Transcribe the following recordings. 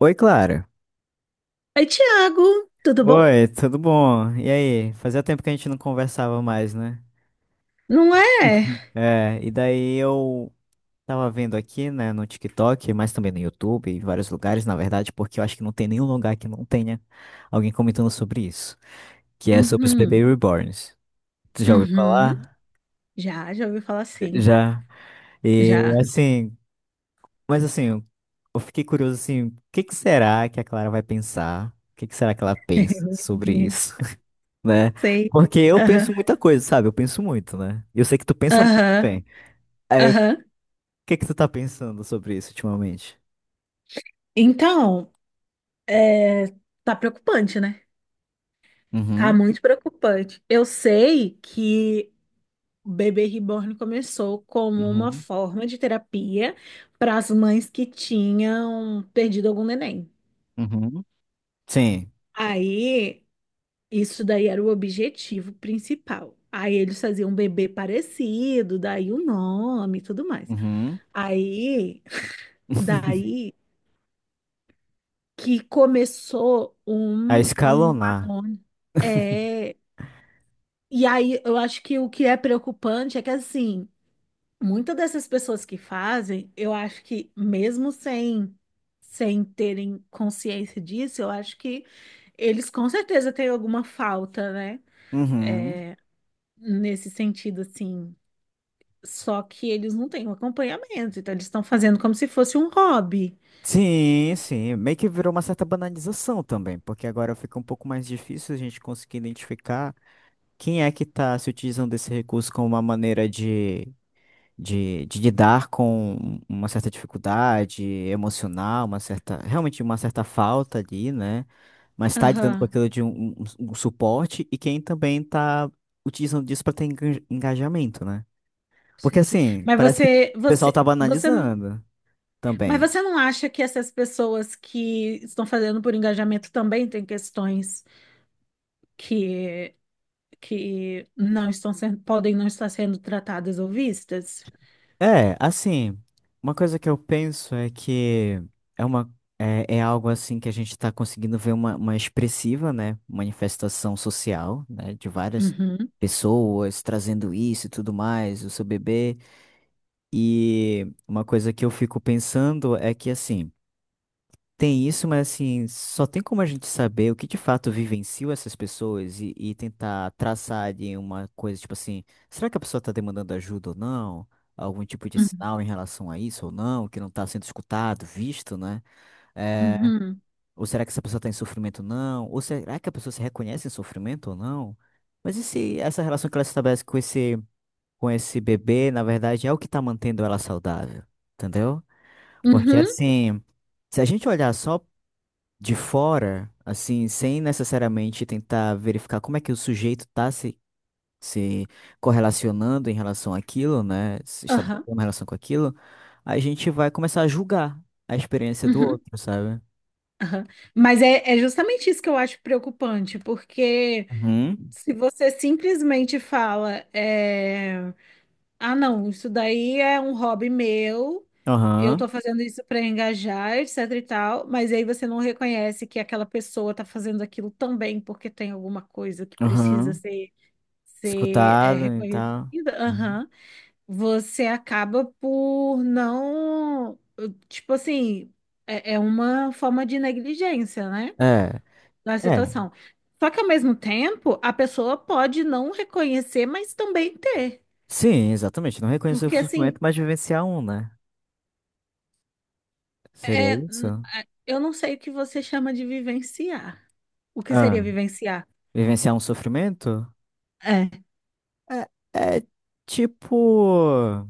Oi, Clara. Oi, Tiago, tudo bom? Oi, tudo bom? E aí? Fazia tempo que a gente não conversava mais, né? Não é? É, e daí eu tava vendo aqui, né, no TikTok, mas também no YouTube, em vários lugares, na verdade, porque eu acho que não tem nenhum lugar que não tenha alguém comentando sobre isso, que é sobre os bebês Uhum, reborns. Tu já ouviu uhum. falar? Já, ouvi falar sim. Já. E Já. assim, mas assim, eu fiquei curioso assim, o que que será que a Clara vai pensar? O que que será que ela pensa sobre isso? Né? Sei. Porque eu Aham, penso muita coisa, sabe? Eu penso muito, né? Eu sei que tu pensa muito aham, bem. Aí, o aham. que que tu tá pensando sobre isso ultimamente? Então, é, tá preocupante, né? Tá Uhum, muito preocupante. Eu sei que o Bebê Reborn começou como uma uhum, forma de terapia para as mães que tinham perdido algum neném. uhum. Sim. Aí isso daí era o objetivo principal. Aí eles faziam um bebê parecido, daí o nome e tudo mais. Uhum. Aí, daí que começou A um escalonar. marrone. É, e aí eu acho que o que é preocupante é que assim, muitas dessas pessoas que fazem, eu acho que mesmo sem terem consciência disso, eu acho que eles com certeza têm alguma falta, né? Uhum. Nesse sentido, assim. Só que eles não têm um acompanhamento, então eles estão fazendo como se fosse um hobby. Sim, sim. Meio que virou uma certa banalização também, porque agora fica um pouco mais difícil a gente conseguir identificar quem é que está se utilizando desse recurso como uma maneira de de lidar com uma certa dificuldade emocional, uma certa, realmente uma certa falta ali, né? Mas está lidando com Aham, aquilo de um suporte e quem também está utilizando disso para ter engajamento, né? Porque sei. assim, Mas parece que o você, pessoal tá você, você, não- banalizando mas também. você não acha que essas pessoas que estão fazendo por engajamento também têm questões que, que não estão sendo, podem não estar sendo tratadas ou vistas? É, assim, uma coisa que eu penso é que é uma é, é algo assim que a gente está conseguindo ver uma expressiva, né, manifestação social, né, de várias Uhum, pessoas trazendo isso e tudo mais, o seu bebê. E uma coisa que eu fico pensando é que assim tem isso, mas assim, só tem como a gente saber o que de fato vivenciou essas pessoas e tentar traçar de uma coisa, tipo assim, será que a pessoa está demandando ajuda ou não? Algum tipo de uhum, sinal em relação a isso ou não, que não está sendo escutado, visto, né? Eh, uhum, ou será que essa pessoa está em sofrimento ou não? Ou será que a pessoa se reconhece em sofrimento ou não? Mas e se essa relação que ela estabelece com esse bebê, na verdade, é o que está mantendo ela saudável, entendeu? Porque uhum, assim, se a gente olhar só de fora, assim, sem necessariamente tentar verificar como é que o sujeito está se, se correlacionando em relação àquilo, né? Se aham, estabelecendo uma relação com aquilo, a gente vai começar a julgar a experiência do uhum, outro, sabe? aham. Mas é, é justamente isso que eu acho preocupante, porque Uhum. se você simplesmente fala, é, ah, não, isso daí é um hobby meu, eu Aham. tô fazendo isso para engajar, etc e tal, mas aí você não reconhece que aquela pessoa tá fazendo aquilo também porque tem alguma coisa que precisa Aham. ser, ser é, Escutado e tal. reconhecida, Uhum. aham. Você acaba por não, tipo assim, é uma forma de negligência, né? É, Na é. situação. Só que ao mesmo tempo, a pessoa pode não reconhecer, mas também ter. Sim, exatamente. Não reconhecer o Porque sofrimento, assim, mas vivenciar um, né? Seria é, isso? Eu não sei o que você chama de vivenciar. O que seria Ah, vivenciar? vivenciar um sofrimento? É. É, é tipo.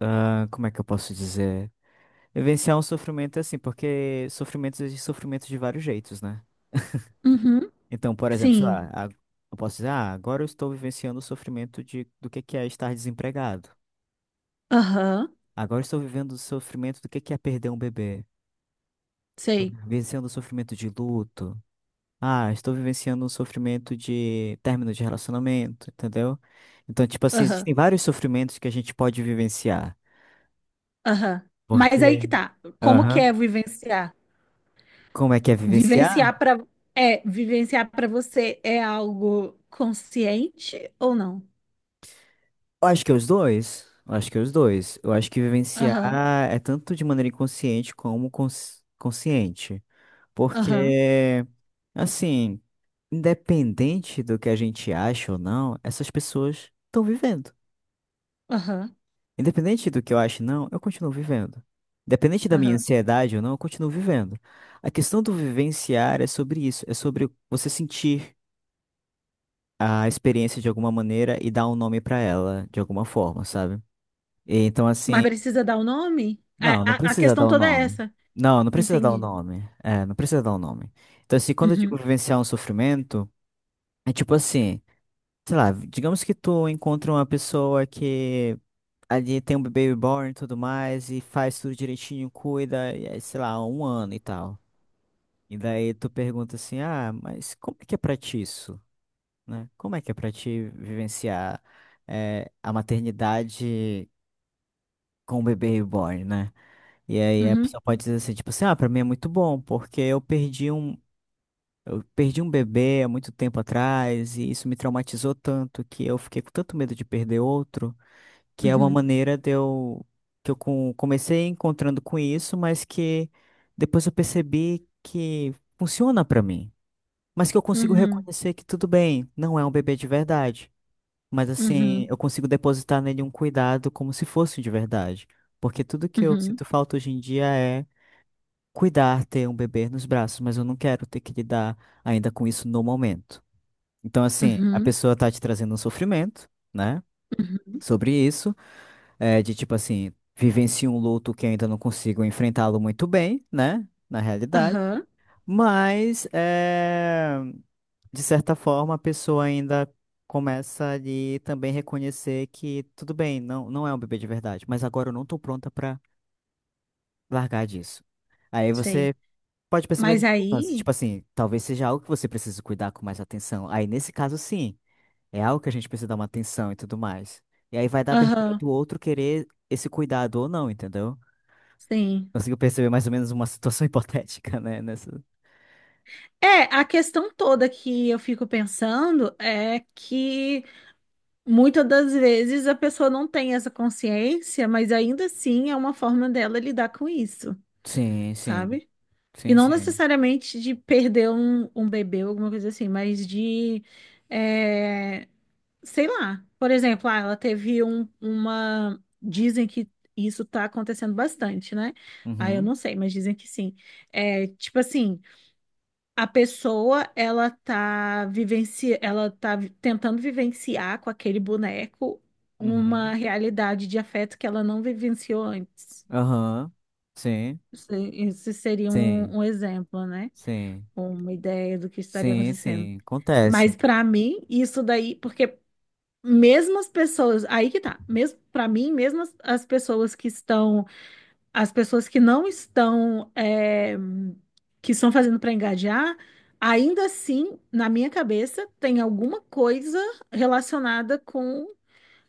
Ah, como é que eu posso dizer? Vivenciar um sofrimento é assim, porque sofrimentos existem sofrimentos de vários jeitos, né? Uhum. Então, por exemplo, sei Sim. lá, eu posso dizer, ah, agora eu estou vivenciando o sofrimento de, do que é estar desempregado. Aham. Agora eu estou vivendo o sofrimento do que é perder um bebê. Estou Sei. vivenciando o sofrimento de luto. Ah, estou vivenciando o sofrimento de término de relacionamento, entendeu? Então, tipo assim, Aham. existem vários sofrimentos que a gente pode vivenciar. Aham. Mas aí Porque, que tá. Como que aham, é vivenciar? como é que é vivenciar? Vivenciar para É, vivenciar para você é algo consciente ou não? Eu acho que é os dois. Eu acho que é os dois. Eu acho que Aham. vivenciar é tanto de maneira inconsciente como consciente. Aham. Porque, assim, independente do que a gente acha ou não, essas pessoas estão vivendo. Aham. Independente do que eu acho ou não, eu continuo vivendo. Independente da minha Aham. ansiedade ou não, eu continuo vivendo. A questão do vivenciar é sobre isso, é sobre você sentir a experiência de alguma maneira e dar um nome pra ela de alguma forma, sabe? E então, Mas assim, precisa dar o nome? não, não A precisa dar questão o toda é nome. essa. Não, não precisa dar o Entendi. nome. É, não precisa dar o nome. Então, assim, quando eu digo Uhum, vivenciar um sofrimento, é tipo assim, sei lá, digamos que tu encontra uma pessoa que ali tem um bebê reborn e tudo mais, e faz tudo direitinho, cuida, e aí, sei lá, um ano e tal. E daí tu pergunta assim, ah, mas como é que é pra ti isso? Né? Como é que é pra ti vivenciar, a maternidade com o bebê reborn, né? E aí a uhum, pessoa pode dizer assim, tipo assim, ah, pra mim é muito bom, porque eu perdi um bebê há muito tempo atrás, e isso me traumatizou tanto que eu fiquei com tanto medo de perder outro, que é uma uhum, maneira de eu, que eu comecei encontrando com isso, mas que depois eu percebi que funciona pra mim. Mas que eu consigo uhum, reconhecer que tudo bem, não é um bebê de verdade. Mas assim, uhum, eu consigo depositar nele um cuidado como se fosse de verdade. Porque tudo que eu uhum, sinto falta hoje em dia é cuidar, ter um bebê nos braços, mas eu não quero ter que lidar ainda com isso no momento. Então, assim, a uhum, pessoa tá te trazendo um sofrimento, né? uhum. Sobre isso, é, de tipo assim, vivencio um luto que ainda não consigo enfrentá-lo muito bem, né? Na realidade. Aham, Mas, é, de certa forma, a pessoa ainda começa ali também reconhecer que tudo bem, não, não é um bebê de verdade, mas agora eu não tô pronta pra largar disso. Aí sei. você pode perceber Mas esse nuance. aí, Tipo assim, talvez seja algo que você precise cuidar com mais atenção. Aí, nesse caso, sim, é algo que a gente precisa dar uma atenção e tudo mais. E aí vai da abertura aham, do outro querer esse cuidado ou não, entendeu? sim. Consigo perceber mais ou menos uma situação hipotética, né? Nessa. É, a questão toda que eu fico pensando é que muitas das vezes a pessoa não tem essa consciência, mas ainda assim é uma forma dela lidar com isso, Sim, sim. sabe? E Sim, não sim. necessariamente de perder um bebê ou alguma coisa assim, mas de, é, sei lá. Por exemplo, ah, ela teve um, uma. Dizem que isso tá acontecendo bastante, né? Ah, eu Uhum, não sei, mas dizem que sim. É, tipo assim, a pessoa, ela tá vivenci... ela tá vi- tentando vivenciar com aquele boneco uhum. uma realidade de afeto que ela não vivenciou antes. Aham. Sim, Isso seria sim, um exemplo, né? sim. Uma ideia do que estaria Sim, acontecendo. sim. Mas Acontece. pra mim, isso daí, porque mesmo as pessoas, aí que tá, mesmo para mim, mesmo as pessoas que estão, as pessoas que não estão, é, que estão fazendo pra engajar, ainda assim, na minha cabeça, tem alguma coisa relacionada com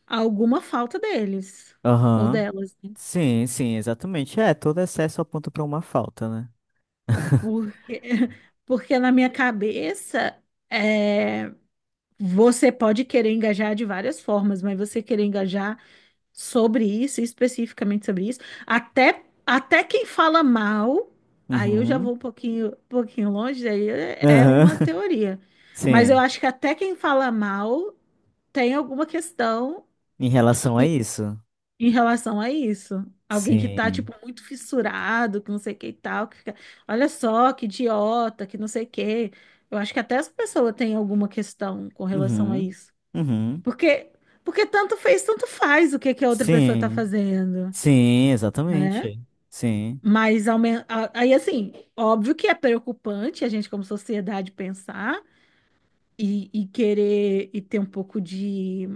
alguma falta deles ou Aham. delas, né? Sim, sim, exatamente. É, todo excesso aponta pra uma falta, né? Porque, porque na minha cabeça, é, você pode querer engajar de várias formas, mas você querer engajar sobre isso, especificamente sobre isso, até quem fala mal, aí eu já Uhum. vou um pouquinho longe, aí é Aham. uma teoria. Mas eu Sim, acho que até quem fala mal tem alguma questão em relação a isso. em relação a isso. Alguém que tá, Sim. tipo, muito fissurado, que não sei o que e tal, que fica, olha só, que idiota, que não sei o que. Eu acho que até essa pessoa tem alguma questão com relação a Uhum. isso. Uhum. Porque, porque tanto faz o que que a outra pessoa está Sim. fazendo, Sim, né? exatamente. Sim. Mas aí, assim, óbvio que é preocupante a gente, como sociedade, pensar e querer e ter um pouco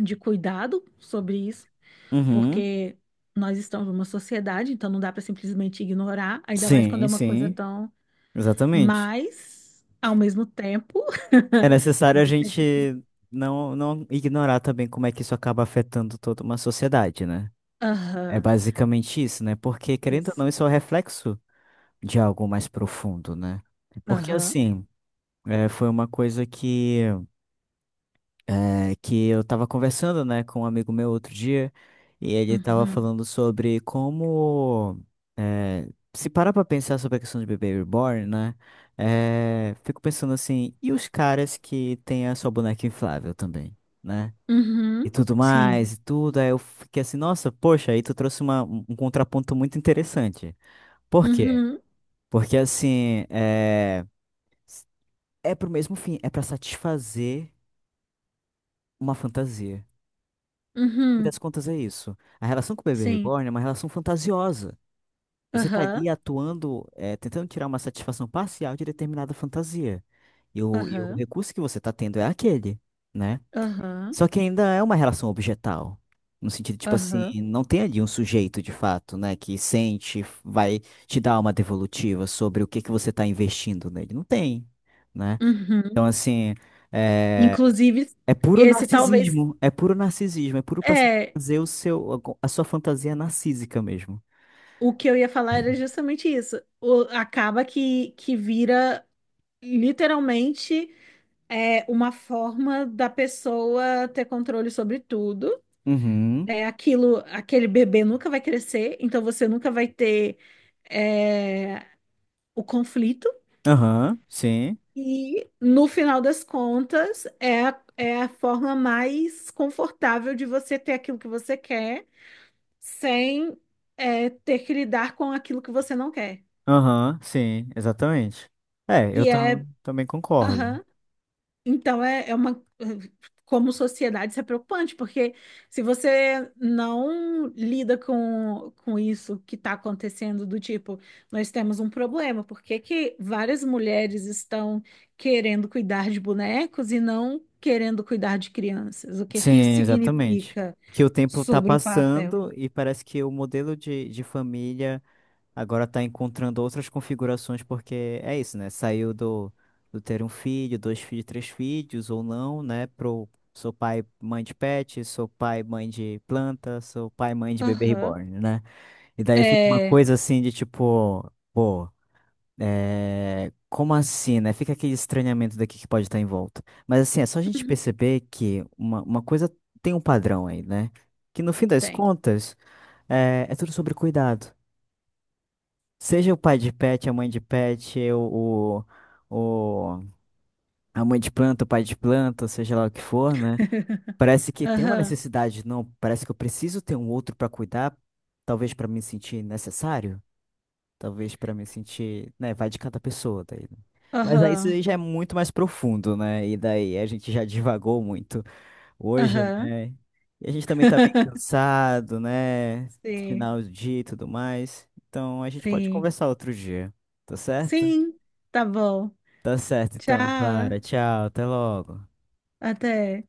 de cuidado sobre isso, Uhum. porque nós estamos numa sociedade, então não dá para simplesmente ignorar, ainda mais quando é Sim, uma coisa. Sim. sim, Tão. exatamente. Mas, ao mesmo tempo, É necessário a gente você. não, não ignorar também como é que isso acaba afetando toda uma sociedade, né? É Aham, basicamente isso, né? Porque, querendo ou isso. não, isso é o reflexo de algo mais profundo, né? Porque, Aham. assim, é, foi uma coisa que é, que eu tava conversando, né, com um amigo meu outro dia, e ele tava Uhum. falando sobre como, é, se parar pra pensar sobre a questão de bebê reborn, né, é, fico pensando assim, e os caras que têm a sua boneca inflável também, né? E Uhum. tudo Sim. mais, e tudo, aí eu fiquei assim, nossa, poxa, aí tu trouxe uma, um contraponto muito interessante. Por quê? Uhum, Porque assim, é, é pro mesmo fim, é pra satisfazer uma fantasia. Fim das uhum, contas é isso. A relação com o bebê sim. reborn é uma relação fantasiosa. Você está Aham, ali atuando, é, tentando tirar uma satisfação parcial de determinada fantasia. E o aham, recurso que você está tendo é aquele, né? aham, Só que ainda é uma relação objetal. No sentido, tipo assim, aham, não tem ali um sujeito de fato, né, que sente, vai te dar uma devolutiva sobre o que que você está investindo nele. Não tem, né? uhum. Então, assim, eh, Inclusive, é puro esse talvez narcisismo, é puro narcisismo, é puro pra é fazer o seu, a sua fantasia narcísica mesmo. o que eu ia falar era justamente isso. Acaba que vira literalmente é uma forma da pessoa ter controle sobre tudo. Uhum. É aquilo, aquele bebê nunca vai crescer, então você nunca vai ter é, o conflito. Aham, sim. E no final das contas, é a forma mais confortável de você ter aquilo que você quer, sem é, ter que lidar com aquilo que você não quer. Aham, sim, exatamente. É, eu Que é, também concordo. aham. Então, eh, como sociedade, isso é preocupante, porque se você não lida com isso que está acontecendo, do tipo, nós temos um problema, por que que várias mulheres estão querendo cuidar de bonecos e não querendo cuidar de crianças? O que que isso Sim, exatamente. significa Que o tempo tá sobre o papel? passando e parece que o modelo de família. Agora tá encontrando outras configurações porque é isso, né? Saiu do, do ter um filho, dois filhos, três filhos ou não, né? Pro sou pai, mãe de pet, sou pai, mãe de planta, sou pai, mãe de bebê Aham. reborn, né? E daí fica uma É, coisa assim de tipo, pô, é, como assim, né? Fica aquele estranhamento daqui que pode estar em volta. Mas assim, é só a gente perceber que uma coisa tem um padrão aí, né? Que no fim das tem. contas, é, é tudo sobre cuidado. Seja o pai de pet, a mãe de pet, o, o- a mãe de planta, o pai de planta, seja lá o que for, né? Parece que tem uma Aham, necessidade, não? Parece que eu preciso ter um outro pra cuidar, talvez pra me sentir necessário, talvez pra me sentir, né? Vai de cada pessoa daí, né? Mas aí isso aham, aí já é muito mais profundo, né? E daí a gente já divagou muito hoje, aham. né? E a gente também tá bem cansado, né? Sim, Final de dia e tudo mais. Então a gente pode sim, conversar outro dia, tá certo? sim, tá bom. Tá certo, então, Tchau, Clara. Tchau, até logo. até.